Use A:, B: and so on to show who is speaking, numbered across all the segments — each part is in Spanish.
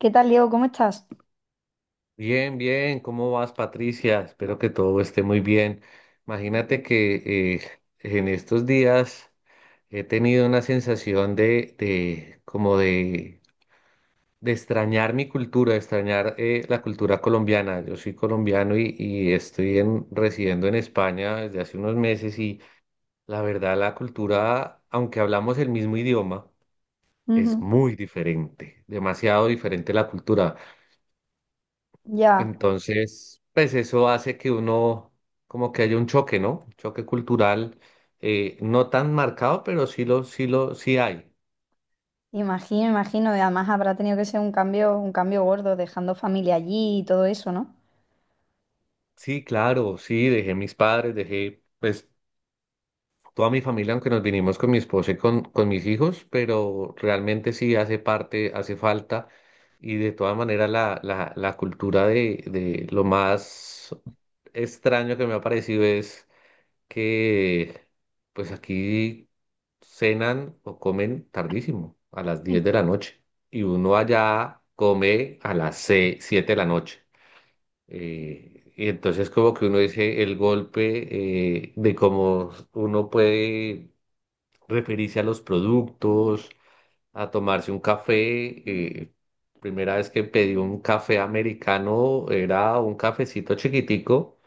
A: ¿Qué tal, Diego? ¿Cómo estás?
B: Bien, bien, ¿cómo vas, Patricia? Espero que todo esté muy bien. Imagínate que en estos días he tenido una sensación de extrañar mi cultura, de extrañar la cultura colombiana. Yo soy colombiano y estoy residiendo en España desde hace unos meses y la verdad la cultura, aunque hablamos el mismo idioma, es
A: Ujú.
B: muy diferente, demasiado diferente la cultura.
A: Ya,
B: Entonces, pues eso hace que uno, como que haya un choque, ¿no? Un choque cultural, no tan marcado, pero sí hay.
A: imagino, imagino. Y además habrá tenido que ser un cambio gordo, dejando familia allí y todo eso, ¿no?
B: Sí, claro, sí, dejé mis padres, dejé, pues, toda mi familia, aunque nos vinimos con mi esposa y con mis hijos, pero realmente sí hace parte, hace falta. Y de todas maneras, la cultura de lo más extraño que me ha parecido es que pues aquí cenan o comen tardísimo, a las 10 de la noche, y uno allá come a las 6, 7 de la noche. Y entonces como que uno dice el golpe de cómo uno puede referirse a los productos, a tomarse un café. eh, Primera vez que pedí un café americano era un cafecito chiquitico,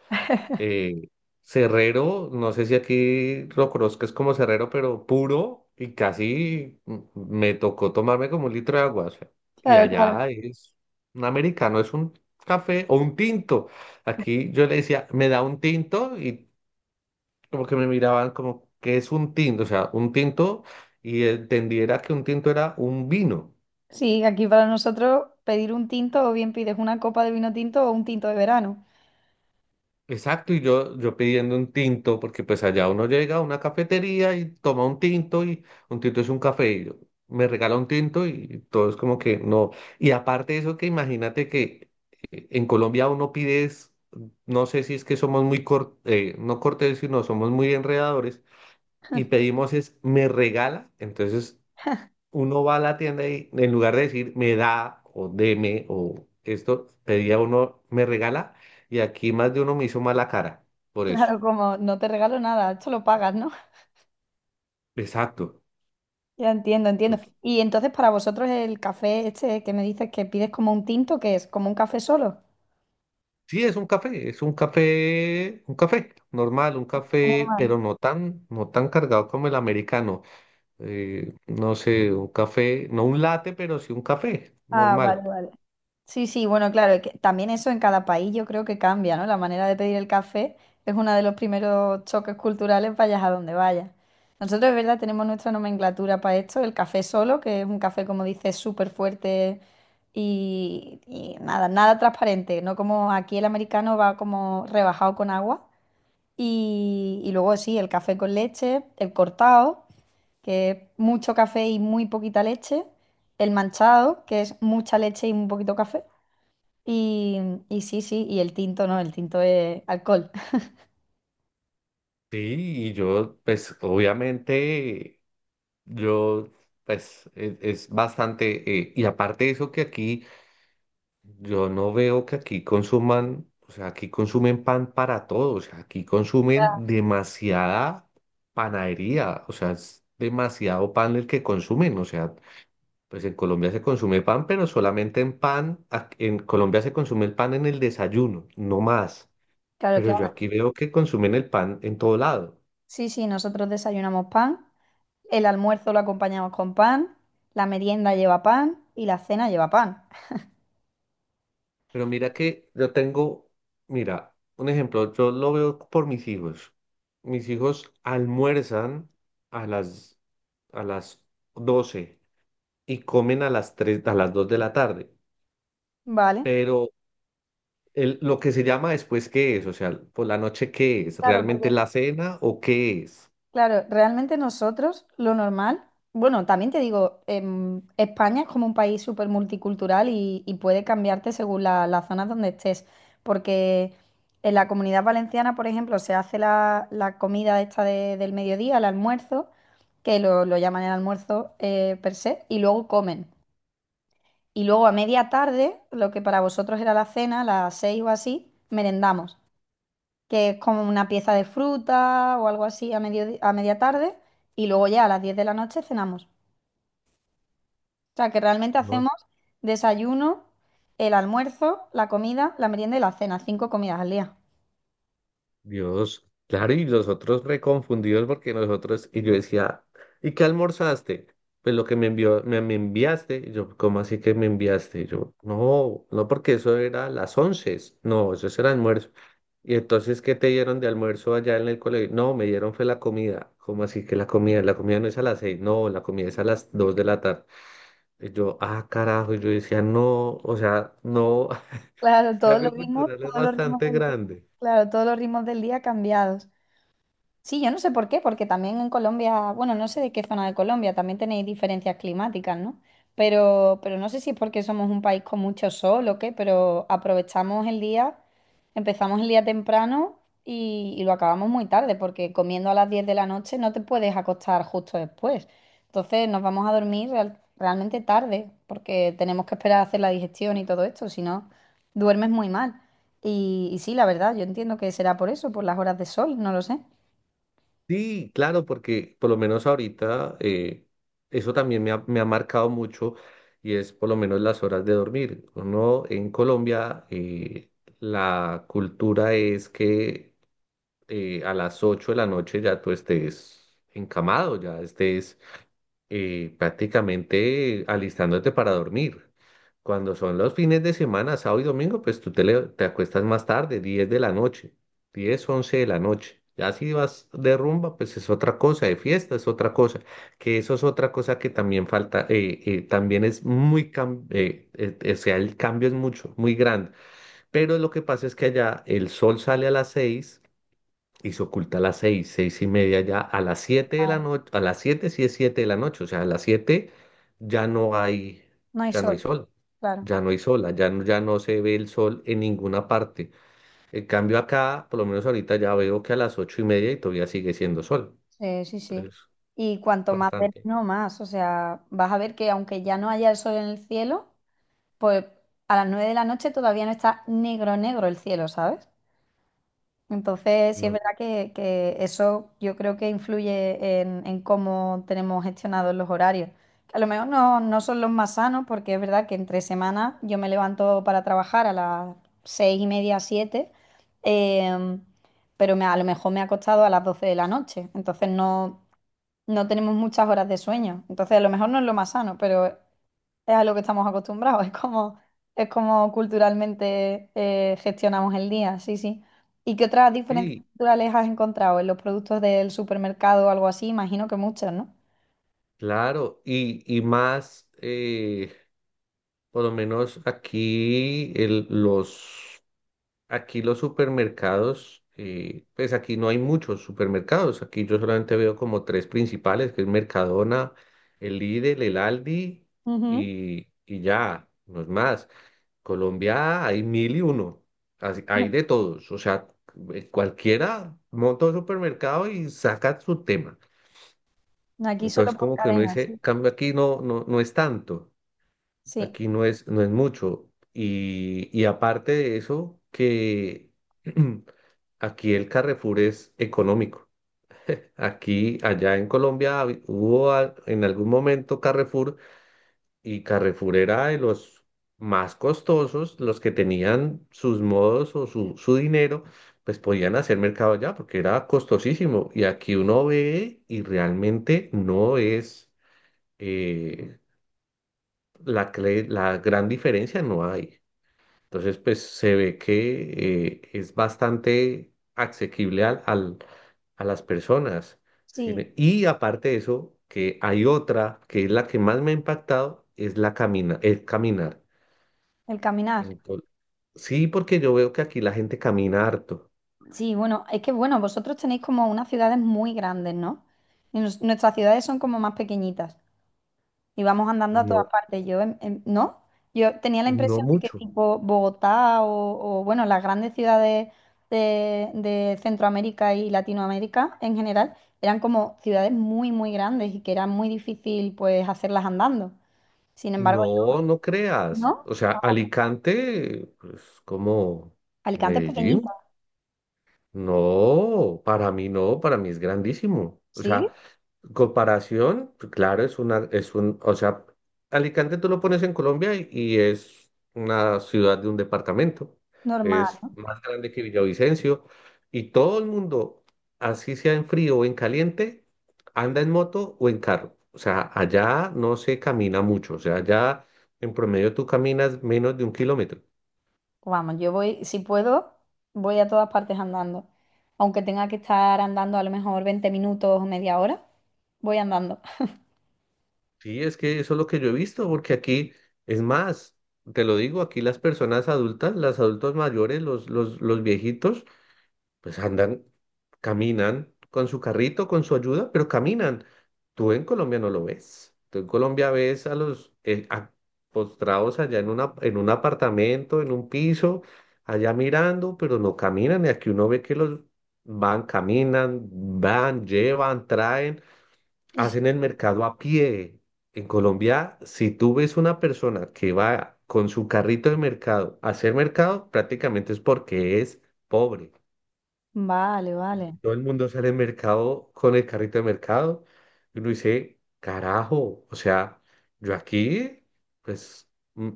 B: eh, Cerrero, no sé si aquí lo conozcas como Cerrero, pero puro y casi me tocó tomarme como un litro de agua. O sea, y
A: Claro, claro.
B: allá es un americano, es un café o un tinto. Aquí yo le decía, me da un tinto y como que me miraban como, ¿qué es un tinto? O sea, un tinto y entendiera que un tinto era un vino.
A: Sí, aquí para nosotros pedir un tinto o bien pides una copa de vino tinto o un tinto de verano.
B: Exacto, y yo pidiendo un tinto, porque pues allá uno llega a una cafetería y toma un tinto y un tinto es un café. Y yo, me regala un tinto y todo es como que no. Y aparte de eso, que imagínate que en Colombia uno pide, no sé si es que somos no cortés, sino somos muy enredadores y pedimos es, me regala. Entonces uno va a la tienda y en lugar de decir me da o deme o esto, pedía uno me regala y aquí más de uno me hizo mala cara por eso.
A: Claro, como no te regalo nada, esto lo pagas, ¿no?
B: Exacto.
A: Ya entiendo, entiendo.
B: Entonces,
A: Y entonces para vosotros el café este que me dices que pides como un tinto, ¿qué es? ¿Como un café solo?
B: sí, es un café, un café normal, un café,
A: Normal.
B: pero no tan cargado como el americano. No sé, un café, no un latte, pero sí un café
A: Ah, vale,
B: normal.
A: vale. Sí, sí, bueno, claro, que también eso en cada país yo creo que cambia, ¿no? La manera de pedir el café es uno de los primeros choques culturales, vayas a donde vayas. Nosotros, es verdad, tenemos nuestra nomenclatura para esto, el café solo, que es un café, como dices, súper fuerte y nada, nada transparente, no como aquí el americano va como rebajado con agua. Y luego sí, el café con leche, el cortado, que es mucho café y muy poquita leche, el manchado, que es mucha leche y un poquito café. Y, y sí, sí, y el tinto no, el tinto es alcohol.
B: Sí, y yo, pues obviamente yo, pues, es, bastante, y aparte de eso que aquí, yo no veo que aquí consuman, o sea, aquí consumen pan para todo, o sea, aquí consumen demasiada panadería, o sea, es demasiado pan el que consumen, o sea, pues en Colombia se consume pan, pero solamente en pan, en Colombia se consume el pan en el desayuno, no más,
A: Claro,
B: pero
A: claro.
B: yo aquí veo que consumen el pan en todo lado.
A: Sí, sí, nosotros desayunamos pan, el almuerzo lo acompañamos con pan, la merienda lleva pan y la cena lleva pan.
B: Pero mira que yo tengo, mira, un ejemplo, yo lo veo por mis hijos. Mis hijos almuerzan a las, a las 12 y comen a las 3 a las 2 de la tarde.
A: Vale.
B: Pero lo que se llama después, ¿qué es? O sea, por la noche, ¿qué es?
A: Claro,
B: ¿Realmente
A: porque
B: la cena o qué es?
A: Claro, realmente nosotros lo normal, bueno, también te digo, España es como un país súper multicultural y puede cambiarte según las zonas donde estés, porque en la Comunidad Valenciana, por ejemplo, se hace la comida esta del mediodía, el almuerzo, que lo llaman el almuerzo per se, y luego comen. Y luego a media tarde, lo que para vosotros era la cena, las 6 o así, merendamos que es como una pieza de fruta o algo así a media tarde, y luego ya a las 10 de la noche cenamos. O sea, que realmente hacemos desayuno, el almuerzo, la comida, la merienda y la cena, cinco comidas al día.
B: Dios, claro, y los otros reconfundidos porque nosotros, y yo decía, ¿y qué almorzaste? Pues lo que me envió, me enviaste, y yo, ¿cómo así que me enviaste? Y yo, no, no, porque eso era a las once, no, eso era almuerzo. Y entonces, ¿qué te dieron de almuerzo allá en el colegio? No, me dieron fue la comida. ¿Cómo así que la comida? La comida no es a las seis, no, la comida es a las dos de la tarde. Y yo, ah, carajo, y yo decía, no, o sea, no.
A: Claro,
B: El cambio cultural es
A: todos los ritmos
B: bastante
A: del día,
B: grande.
A: claro, todos los ritmos del día cambiados. Sí, yo no sé por qué, porque también en Colombia, bueno, no sé de qué zona de Colombia, también tenéis diferencias climáticas, ¿no? Pero no sé si es porque somos un país con mucho sol o qué, pero aprovechamos el día, empezamos el día temprano y lo acabamos muy tarde, porque comiendo a las 10 de la noche no te puedes acostar justo después. Entonces nos vamos a dormir realmente tarde, porque tenemos que esperar a hacer la digestión y todo esto, si no, duermes muy mal. Y sí, la verdad, yo entiendo que será por eso, por las horas de sol, no lo sé.
B: Sí, claro, porque por lo menos ahorita eso también me ha marcado mucho y es por lo menos las horas de dormir. Uno en Colombia, la cultura es que a las 8 de la noche ya tú estés encamado, ya estés prácticamente alistándote para dormir. Cuando son los fines de semana, sábado y domingo, pues tú te acuestas más tarde, 10 de la noche, 10 11 de la noche. Ya si vas de rumba, pues es otra cosa, de fiesta es otra cosa, que eso es otra cosa que también falta, también es o sea, el cambio es mucho, muy grande. Pero lo que pasa es que allá el sol sale a las 6 y se oculta a las seis, seis y media ya, a las siete de la noche, a las siete sí es siete de la noche, o sea, a las siete ya no hay,
A: No hay
B: ya no hay
A: sol,
B: sol,
A: claro.
B: ya no, ya no se ve el sol en ninguna parte. En cambio acá, por lo menos ahorita ya veo que a las ocho y media y todavía sigue siendo sol,
A: Sí, sí, sí.
B: entonces
A: Y cuanto más
B: bastante,
A: verano, más. O sea, vas a ver que aunque ya no haya el sol en el cielo, pues a las 9 de la noche todavía no está negro, negro el cielo, ¿sabes? Entonces, sí es
B: ¿no?
A: verdad que eso yo creo que influye en cómo tenemos gestionados los horarios. Que a lo mejor no, no son los más sanos, porque es verdad que entre semanas yo me levanto para trabajar a las 6:30, 7, em, pero a lo mejor me ha acostado a las 12 de la noche. Entonces no, no tenemos muchas horas de sueño. Entonces, a lo mejor no es lo más sano, pero es a lo que estamos acostumbrados, es como culturalmente gestionamos el día, sí, sí. ¿Y qué otras diferencias
B: Sí,
A: culturales has encontrado en los productos del supermercado o algo así? Imagino que muchas, ¿no?
B: claro, y más, por lo menos aquí los... Aquí los supermercados, pues aquí no hay muchos supermercados. Aquí yo solamente veo como tres principales, que es Mercadona, el Lidl, el Aldi
A: Ujú.
B: y ya, no es más. Colombia hay mil y uno, hay de todos. O sea, cualquiera monta un supermercado y saca su tema.
A: Aquí solo
B: Entonces
A: por
B: como que uno
A: cadenas, sí.
B: dice, cambio aquí no, no es tanto.
A: Sí,
B: Aquí no es, no es mucho. Y aparte de eso, que aquí el Carrefour es económico. Aquí, allá en Colombia, hubo en algún momento Carrefour y Carrefour era de los más costosos, los que tenían sus modos su dinero, pues podían hacer mercado allá porque era costosísimo. Y aquí uno ve y realmente no es eh, la gran diferencia, no hay. Entonces, pues se ve que es bastante asequible a las personas. ¿Sí?
A: sí,
B: Y aparte de eso, que hay otra que es la que más me ha impactado, es la camina, el caminar.
A: el caminar.
B: Ento- sí, porque yo veo que aquí la gente camina harto.
A: Sí, bueno, es que bueno, vosotros tenéis como unas ciudades muy grandes, ¿no? Y nuestras ciudades son como más pequeñitas. Íbamos andando a todas
B: No,
A: partes. ¿No? Yo tenía la
B: no
A: impresión de que
B: mucho.
A: tipo Bogotá o, bueno, las grandes ciudades de Centroamérica y Latinoamérica en general eran como ciudades muy, muy grandes y que era muy difícil pues hacerlas andando. Sin embargo, yo,
B: No, no creas.
A: ¿no?
B: O sea, Alicante, pues como
A: Alicante es pequeñita,
B: Medellín. No, para mí no, para mí es grandísimo. O
A: ¿sí?
B: sea, comparación, pues, claro, es una, es un, o sea, Alicante tú lo pones en Colombia y es una ciudad de un departamento,
A: Normal.
B: es más grande que Villavicencio y todo el mundo, así sea en frío o en caliente, anda en moto o en carro. O sea, allá no se camina mucho, o sea, allá en promedio tú caminas menos de un kilómetro.
A: Pues vamos, yo voy, si puedo, voy a todas partes andando. Aunque tenga que estar andando a lo mejor 20 minutos o media hora, voy andando.
B: Sí, es que eso es lo que yo he visto, porque aquí es más, te lo digo, aquí las personas adultas, los adultos mayores, los viejitos, pues andan, caminan con su carrito, con su ayuda, pero caminan. Tú en Colombia no lo ves. Tú en Colombia ves a los postrados allá en un apartamento, en un piso, allá mirando, pero no caminan. Y aquí uno ve que los van, caminan, van, llevan, traen, hacen el mercado a pie. En Colombia, si tú ves una persona que va con su carrito de mercado a hacer mercado, prácticamente es porque es pobre.
A: Vale, vale.
B: Todo el mundo sale al mercado con el carrito de mercado. Y uno dice, carajo, o sea, yo aquí, pues, mm,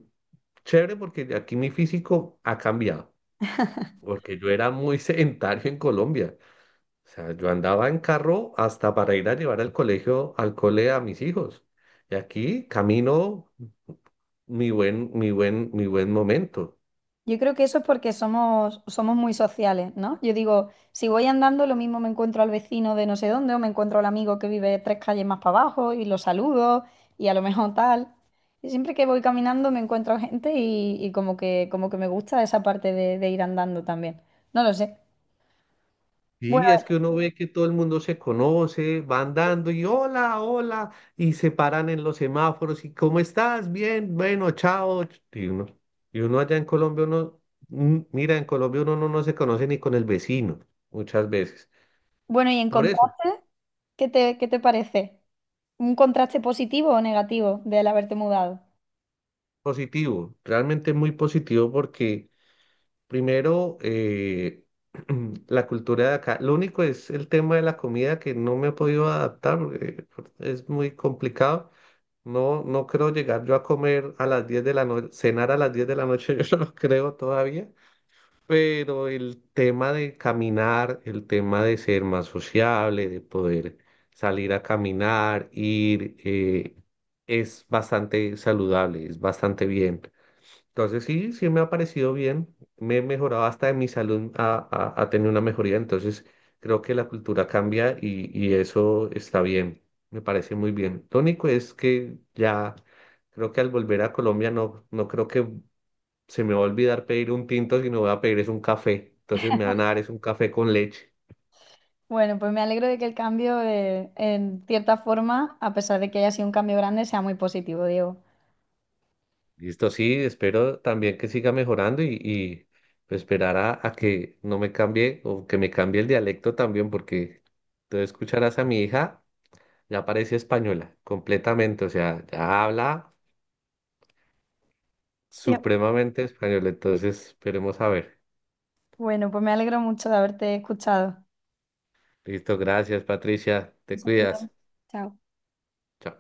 B: chévere porque aquí mi físico ha cambiado. Porque yo era muy sedentario en Colombia. O sea, yo andaba en carro hasta para ir a llevar al colegio, al cole a mis hijos. Y aquí camino mi buen momento.
A: Yo creo que eso es porque somos muy sociales, ¿no? Yo digo, si voy andando, lo mismo me encuentro al vecino de no sé dónde, o me encuentro al amigo que vive tres calles más para abajo y lo saludo, y a lo mejor tal. Y siempre que voy caminando me encuentro gente y como que me gusta esa parte de ir andando también. No lo sé.
B: Sí, es
A: Bueno,
B: que uno ve que todo el mundo se conoce, van dando y hola, hola, y se paran en los semáforos y ¿cómo estás? Bien, bueno, chao. Y uno allá en Colombia, uno, mira, en Colombia uno no, no se conoce ni con el vecino muchas veces.
A: bueno, y en
B: Por eso,
A: contraste, qué te parece? ¿Un contraste positivo o negativo del haberte mudado?
B: positivo, realmente muy positivo porque primero la cultura de acá, lo único es el tema de la comida que no me he podido adaptar porque es muy complicado. No, no creo llegar yo a comer a las 10 de la noche, cenar a las 10 de la noche, yo no lo creo todavía, pero el tema de caminar, el tema de ser más sociable, de poder salir a caminar, ir, es bastante saludable, es bastante bien. Entonces sí, sí me ha parecido bien, me he mejorado hasta en mi salud, ha tenido una mejoría, entonces creo que la cultura cambia y eso está bien, me parece muy bien. Lo único es que ya creo que al volver a Colombia no, no creo que se me va a olvidar pedir un tinto, sino voy a pedir es un café, entonces me van a dar es un café con leche.
A: Bueno, pues me alegro de que el cambio, en cierta forma, a pesar de que haya sido un cambio grande, sea muy positivo, Diego.
B: Listo, sí, espero también que siga mejorando y, pues, esperar a que no me cambie o que me cambie el dialecto también, porque tú escucharás a mi hija, ya parece española, completamente, o sea, ya habla
A: Yep.
B: supremamente español, entonces esperemos a ver.
A: Bueno, pues me alegro mucho de haberte escuchado.
B: Listo, gracias Patricia,
A: Un
B: te
A: saludo.
B: cuidas.
A: Chao.
B: Chao.